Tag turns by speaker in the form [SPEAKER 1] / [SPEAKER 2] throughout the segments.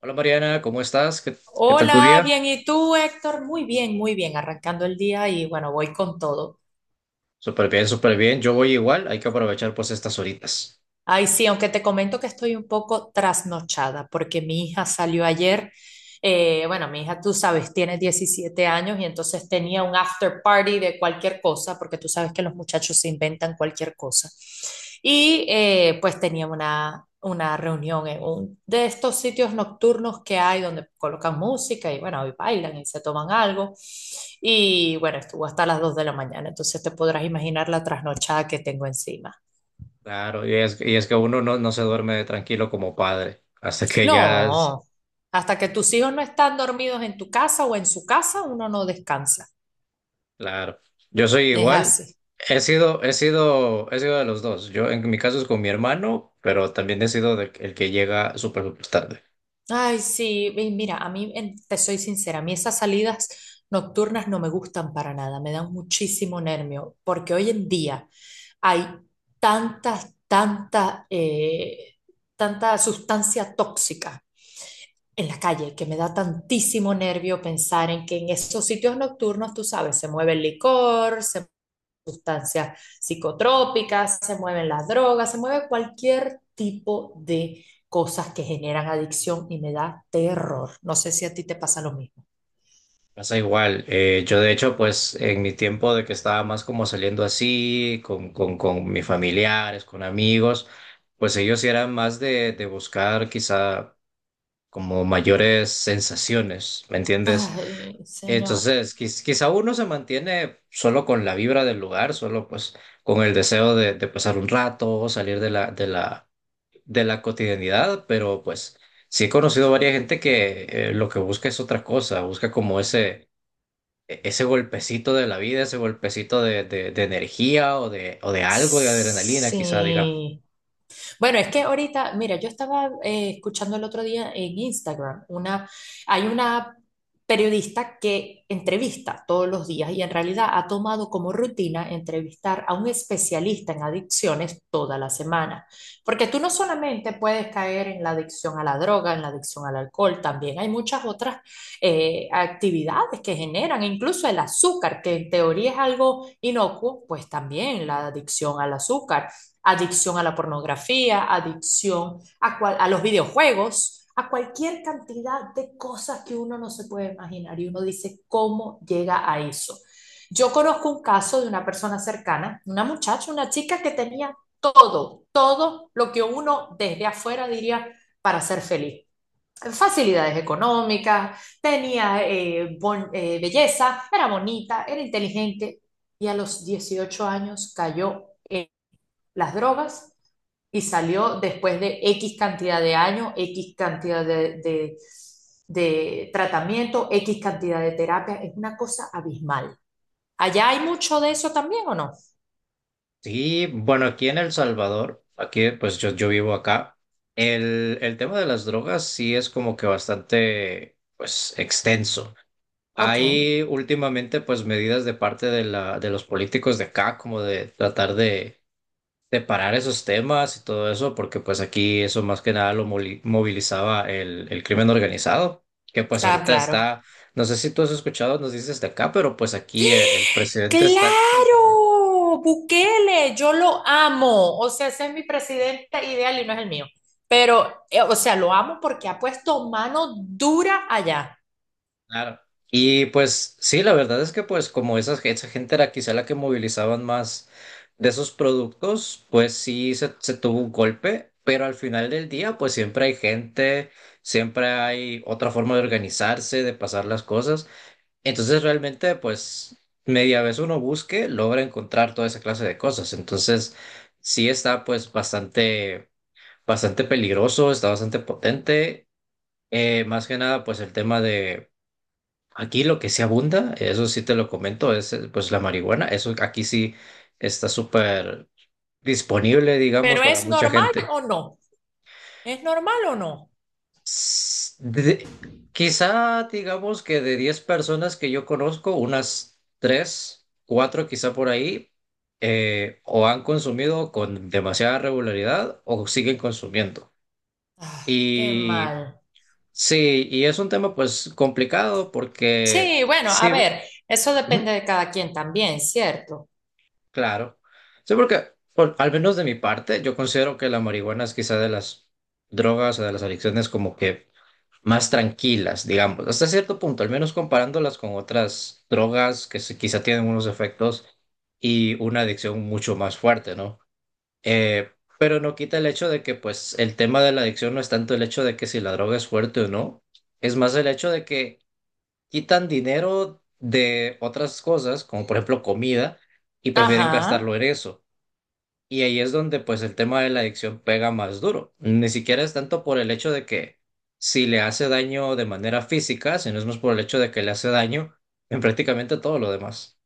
[SPEAKER 1] Hola Mariana, ¿cómo estás? ¿Qué tal tu
[SPEAKER 2] Hola,
[SPEAKER 1] día?
[SPEAKER 2] bien, ¿y tú, Héctor? Muy bien, arrancando el día y bueno, voy con todo.
[SPEAKER 1] Súper bien, súper bien. Yo voy igual, hay que aprovechar pues estas horitas.
[SPEAKER 2] Ay, sí, aunque te comento que estoy un poco trasnochada porque mi hija salió ayer. Bueno, Mi hija, tú sabes, tiene 17 años y entonces tenía un after party de cualquier cosa, porque tú sabes que los muchachos se inventan cualquier cosa. Y pues tenía una reunión en un de estos sitios nocturnos que hay donde colocan música y bueno, y bailan y se toman algo. Y bueno, estuvo hasta las 2 de la mañana, entonces te podrás imaginar la trasnochada que tengo encima.
[SPEAKER 1] Claro, y es que uno no se duerme tranquilo como padre, hasta que ya es,
[SPEAKER 2] No, hasta que tus hijos no están dormidos en tu casa o en su casa, uno no descansa.
[SPEAKER 1] claro. Yo soy
[SPEAKER 2] Es
[SPEAKER 1] igual,
[SPEAKER 2] así.
[SPEAKER 1] he sido de los dos. Yo en mi caso es con mi hermano, pero también he sido el que llega súper, súper tarde.
[SPEAKER 2] Ay, sí, y mira, a mí, te soy sincera, a mí esas salidas nocturnas no me gustan para nada, me dan muchísimo nervio, porque hoy en día hay tantas, tantas, eh, tanta sustancia tóxica en la calle que me da tantísimo nervio pensar en que en esos sitios nocturnos, tú sabes, se mueve el licor, se sustancias psicotrópicas, se mueven las drogas, se mueve cualquier tipo de cosas que generan adicción y me da terror. No sé si a ti te pasa lo mismo.
[SPEAKER 1] Pasa igual. Yo de hecho, pues en mi tiempo de que estaba más como saliendo así, con mis familiares, con amigos, pues ellos sí eran más de buscar quizá como mayores sensaciones, ¿me entiendes?
[SPEAKER 2] Ay, señor.
[SPEAKER 1] Entonces, quizá uno se mantiene solo con la vibra del lugar, solo pues con el deseo de pasar un rato, salir de la cotidianidad, pero pues sí he conocido varias gente que lo que busca es otra cosa, busca como ese golpecito de la vida, ese golpecito de energía o de algo de adrenalina, quizá diga.
[SPEAKER 2] Sí. Bueno, es que ahorita, mira, yo estaba escuchando el otro día en Instagram, hay una periodista que entrevista todos los días y en realidad ha tomado como rutina entrevistar a un especialista en adicciones toda la semana. Porque tú no solamente puedes caer en la adicción a la droga, en la adicción al alcohol, también hay muchas otras actividades que generan, incluso el azúcar, que en teoría es algo inocuo, pues también la adicción al azúcar adicción a la pornografía, adicción a, cual, a los videojuegos, a cualquier cantidad de cosas que uno no se puede imaginar y uno dice, ¿cómo llega a eso? Yo conozco un caso de una persona cercana, una muchacha, una chica que tenía todo, todo lo que uno desde afuera diría para ser feliz. Facilidades económicas, tenía belleza, era bonita, era inteligente y a los 18 años cayó las drogas y salió después de X cantidad de años, X cantidad de tratamiento, X cantidad de terapia. Es una cosa abismal. ¿Allá hay mucho de eso también o no?
[SPEAKER 1] Sí, bueno, aquí en El Salvador, aquí pues yo vivo acá, el tema de las drogas sí es como que bastante pues extenso.
[SPEAKER 2] Ok.
[SPEAKER 1] Hay últimamente pues medidas de parte de de los políticos de acá como de tratar de separar esos temas y todo eso, porque pues aquí eso más que nada lo movilizaba el crimen organizado, que pues
[SPEAKER 2] Ah,
[SPEAKER 1] ahorita
[SPEAKER 2] claro.
[SPEAKER 1] está, no sé si tú has escuchado, nos dices de acá, pero pues aquí el presidente está como,
[SPEAKER 2] Claro, Bukele, yo lo amo. O sea, ese es mi presidente ideal y no es el mío. Pero, o sea, lo amo porque ha puesto mano dura allá.
[SPEAKER 1] claro. Y pues sí, la verdad es que pues como esa gente era quizá la que movilizaban más de esos productos, pues sí se tuvo un golpe, pero al final del día pues siempre hay gente, siempre hay otra forma de organizarse, de pasar las cosas. Entonces realmente, pues, media vez uno busque, logra encontrar toda esa clase de cosas. Entonces, sí está pues bastante, bastante peligroso, está bastante potente. Más que nada, pues el tema de aquí lo que sí abunda, eso sí te lo comento, es pues la marihuana. Eso aquí sí está súper disponible, digamos,
[SPEAKER 2] Pero,
[SPEAKER 1] para
[SPEAKER 2] ¿es
[SPEAKER 1] mucha
[SPEAKER 2] normal
[SPEAKER 1] gente.
[SPEAKER 2] o no? ¿Es normal o no?
[SPEAKER 1] S- de- Quizá digamos que de 10 personas que yo conozco, unas 3 4 quizá por ahí, o han consumido con demasiada regularidad o siguen consumiendo.
[SPEAKER 2] Ah, qué
[SPEAKER 1] Y
[SPEAKER 2] mal.
[SPEAKER 1] sí, y es un tema pues complicado porque
[SPEAKER 2] Sí, bueno, a
[SPEAKER 1] sí,
[SPEAKER 2] ver, eso
[SPEAKER 1] ¿Mm?
[SPEAKER 2] depende de cada quien también, ¿cierto?
[SPEAKER 1] Claro. Sí, porque al menos de mi parte, yo considero que la marihuana es quizá de las drogas o de las adicciones como que más tranquilas, digamos, hasta cierto punto, al menos comparándolas con otras drogas quizá tienen unos efectos y una adicción mucho más fuerte, ¿no? Eh, pero no quita el hecho de que, pues, el tema de la adicción no es tanto el hecho de que si la droga es fuerte o no, es más el hecho de que quitan dinero de otras cosas, como por ejemplo comida, y prefieren gastarlo
[SPEAKER 2] Ajá,
[SPEAKER 1] en eso. Y ahí es donde pues el tema de la adicción pega más duro. Ni siquiera es tanto por el hecho de que si le hace daño de manera física, sino es más por el hecho de que le hace daño en prácticamente todo lo demás.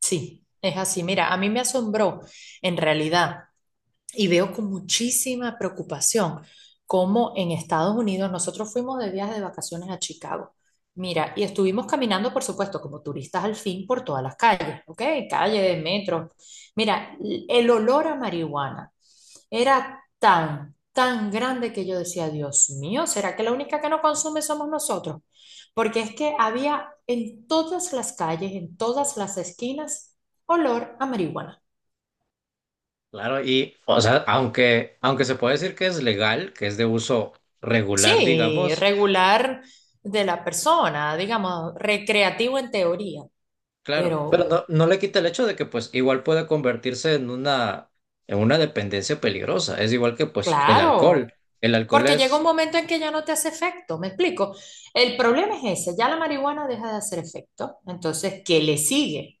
[SPEAKER 2] sí, es así. Mira, a mí me asombró en realidad y veo con muchísima preocupación cómo en Estados Unidos nosotros fuimos de viaje de vacaciones a Chicago. Mira, y estuvimos caminando, por supuesto, como turistas al fin por todas las calles, ¿ok? Calles, metros. Mira, el olor a marihuana era tan, tan grande que yo decía, Dios mío, ¿será que la única que no consume somos nosotros? Porque es que había en todas las calles, en todas las esquinas, olor a marihuana.
[SPEAKER 1] Claro, y o sea, aunque se puede decir que es legal, que es de uso regular,
[SPEAKER 2] Sí,
[SPEAKER 1] digamos,
[SPEAKER 2] regular de la persona, digamos, recreativo en teoría,
[SPEAKER 1] claro, pero
[SPEAKER 2] pero
[SPEAKER 1] no le quita el hecho de que pues igual puede convertirse en una dependencia peligrosa. Es igual que pues el alcohol.
[SPEAKER 2] claro,
[SPEAKER 1] El alcohol
[SPEAKER 2] porque llega un
[SPEAKER 1] es,
[SPEAKER 2] momento en que ya no te hace efecto, ¿me explico? El problema es ese, ya la marihuana deja de hacer efecto, entonces, ¿qué le sigue?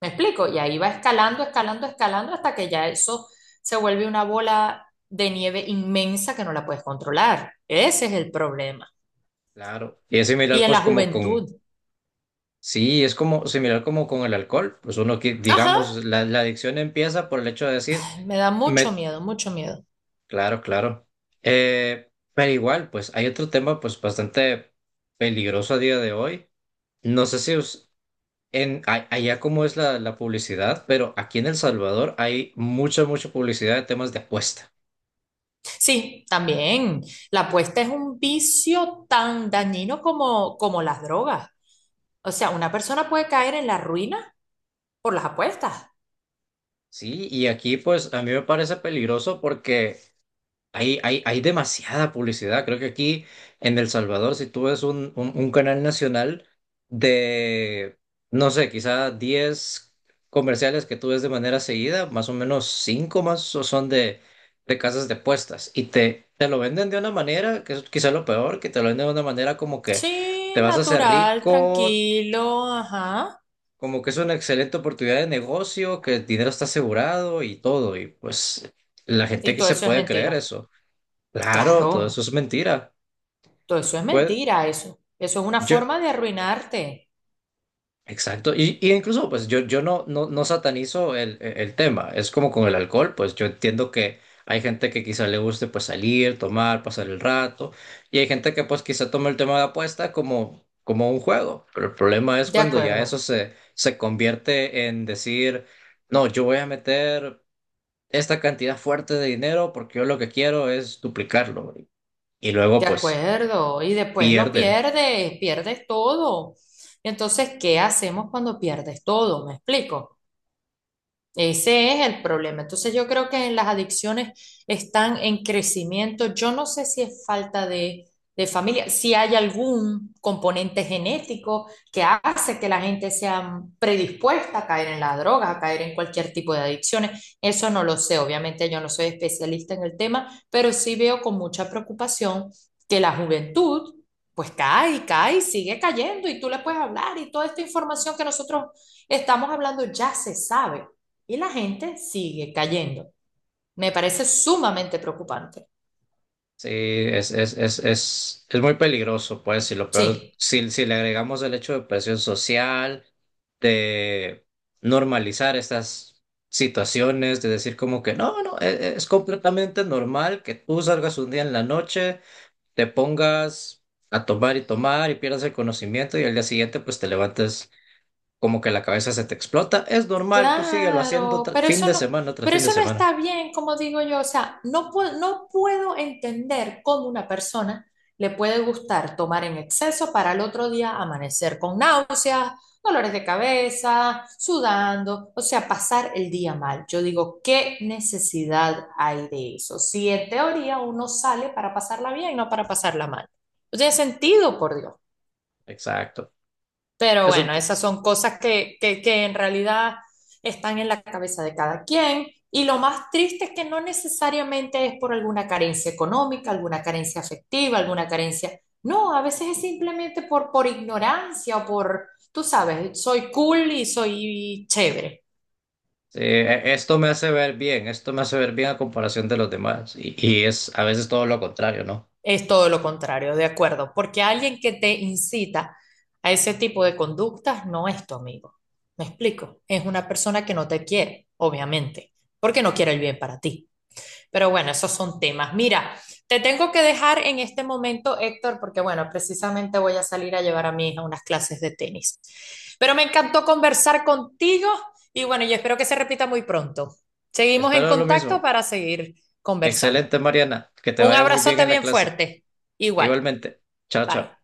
[SPEAKER 2] ¿Me explico? Y ahí va escalando, escalando, escalando hasta que ya eso se vuelve una bola de nieve inmensa que no la puedes controlar. Ese es el problema.
[SPEAKER 1] claro, y es similar
[SPEAKER 2] Y en
[SPEAKER 1] pues
[SPEAKER 2] la
[SPEAKER 1] como con.
[SPEAKER 2] juventud,
[SPEAKER 1] Sí, es como similar como con el alcohol. Pues uno que, digamos,
[SPEAKER 2] ajá,
[SPEAKER 1] la adicción empieza por el hecho de decir,
[SPEAKER 2] me da mucho
[SPEAKER 1] me...
[SPEAKER 2] miedo, mucho miedo.
[SPEAKER 1] Claro, claro. Pero igual, pues hay otro tema pues bastante peligroso a día de hoy. No sé si allá cómo es la publicidad, pero aquí en El Salvador hay mucha, mucha publicidad de temas de apuesta.
[SPEAKER 2] Sí, también. La apuesta es un vicio tan dañino como, como las drogas. O sea, una persona puede caer en la ruina por las apuestas.
[SPEAKER 1] Sí, y aquí pues a mí me parece peligroso porque Hay demasiada publicidad. Creo que aquí en El Salvador, si tú ves un canal nacional de, no sé, quizá 10 comerciales que tú ves de manera seguida, más o menos 5 son de casas de apuestas. Y te lo venden de una manera, que es quizá lo peor, que te lo venden de una manera como que te
[SPEAKER 2] Sí,
[SPEAKER 1] vas a hacer
[SPEAKER 2] natural,
[SPEAKER 1] rico,
[SPEAKER 2] tranquilo, ajá.
[SPEAKER 1] como que es una excelente oportunidad de negocio, que el dinero está asegurado y todo. Y pues la gente
[SPEAKER 2] Y
[SPEAKER 1] que
[SPEAKER 2] todo
[SPEAKER 1] se
[SPEAKER 2] eso es
[SPEAKER 1] puede creer
[SPEAKER 2] mentira.
[SPEAKER 1] eso. Claro,
[SPEAKER 2] Claro,
[SPEAKER 1] todo eso es mentira.
[SPEAKER 2] todo eso es
[SPEAKER 1] Pues
[SPEAKER 2] mentira, eso. Eso es una
[SPEAKER 1] yo,
[SPEAKER 2] forma de arruinarte.
[SPEAKER 1] exacto. Y incluso, pues yo no satanizo el tema. Es como con el alcohol, pues yo entiendo que hay gente que quizá le guste pues salir, tomar, pasar el rato. Y hay gente que pues quizá toma el tema de apuesta como, como un juego. Pero el problema es
[SPEAKER 2] De
[SPEAKER 1] cuando ya eso
[SPEAKER 2] acuerdo,
[SPEAKER 1] se convierte en decir, no, yo voy a meter esta cantidad fuerte de dinero porque yo lo que quiero es duplicarlo. Y luego
[SPEAKER 2] de
[SPEAKER 1] pues
[SPEAKER 2] acuerdo. Y después lo
[SPEAKER 1] pierden.
[SPEAKER 2] pierdes, pierdes todo. Entonces, ¿qué hacemos cuando pierdes todo? ¿Me explico? Ese es el problema. Entonces yo creo que las adicciones están en crecimiento. Yo no sé si es falta de familia, si hay algún componente genético que hace que la gente sea predispuesta a caer en la droga, a caer en cualquier tipo de adicciones. Eso no lo sé. Obviamente yo no soy especialista en el tema, pero sí veo con mucha preocupación que la juventud pues cae y cae y sigue cayendo y tú le puedes hablar y toda esta información que nosotros estamos hablando ya se sabe y la gente sigue cayendo. Me parece sumamente preocupante.
[SPEAKER 1] Sí, es muy peligroso, pues, y lo peor,
[SPEAKER 2] Sí,
[SPEAKER 1] si le agregamos el hecho de presión social, de normalizar estas situaciones, de decir como que no, no, e- e- es completamente normal que tú salgas un día en la noche, te pongas a tomar y tomar y pierdas el conocimiento y al día siguiente pues te levantes como que la cabeza se te explota, es normal, tú síguelo haciendo
[SPEAKER 2] claro,
[SPEAKER 1] fin de semana tras
[SPEAKER 2] pero
[SPEAKER 1] fin de
[SPEAKER 2] eso no
[SPEAKER 1] semana.
[SPEAKER 2] está bien, como digo yo. O sea, no puedo, no puedo entender cómo una persona le puede gustar tomar en exceso para el otro día amanecer con náuseas, dolores de cabeza, sudando, o sea, pasar el día mal. Yo digo, ¿qué necesidad hay de eso? Si en teoría uno sale para pasarla bien, no para pasarla mal. No tiene sentido, por Dios.
[SPEAKER 1] Exacto.
[SPEAKER 2] Pero
[SPEAKER 1] Eso,
[SPEAKER 2] bueno, esas son cosas que en realidad están en la cabeza de cada quien. Y lo más triste es que no necesariamente es por alguna carencia económica, alguna carencia afectiva, alguna carencia... No, a veces es simplemente por ignorancia o por, tú sabes, soy cool y soy chévere.
[SPEAKER 1] sí, esto me hace ver bien, esto me hace ver bien a comparación de los demás. Y es a veces todo lo contrario, ¿no?
[SPEAKER 2] Es todo lo contrario, de acuerdo, porque alguien que te incita a ese tipo de conductas no es tu amigo. ¿Me explico? Es una persona que no te quiere, obviamente, porque no quiere el
[SPEAKER 1] Eh,
[SPEAKER 2] bien para ti. Pero bueno, esos son temas. Mira, te tengo que dejar en este momento, Héctor, porque bueno, precisamente voy a salir a llevar a mi hija a unas clases de tenis. Pero me encantó conversar contigo y bueno, yo espero que se repita muy pronto. Seguimos en
[SPEAKER 1] Espero lo
[SPEAKER 2] contacto
[SPEAKER 1] mismo.
[SPEAKER 2] para seguir conversando.
[SPEAKER 1] Excelente, Mariana. Que te
[SPEAKER 2] Un
[SPEAKER 1] vaya muy bien
[SPEAKER 2] abrazote
[SPEAKER 1] en la
[SPEAKER 2] bien
[SPEAKER 1] clase.
[SPEAKER 2] fuerte. Igual.
[SPEAKER 1] Igualmente. Chao,
[SPEAKER 2] Bye.
[SPEAKER 1] chao.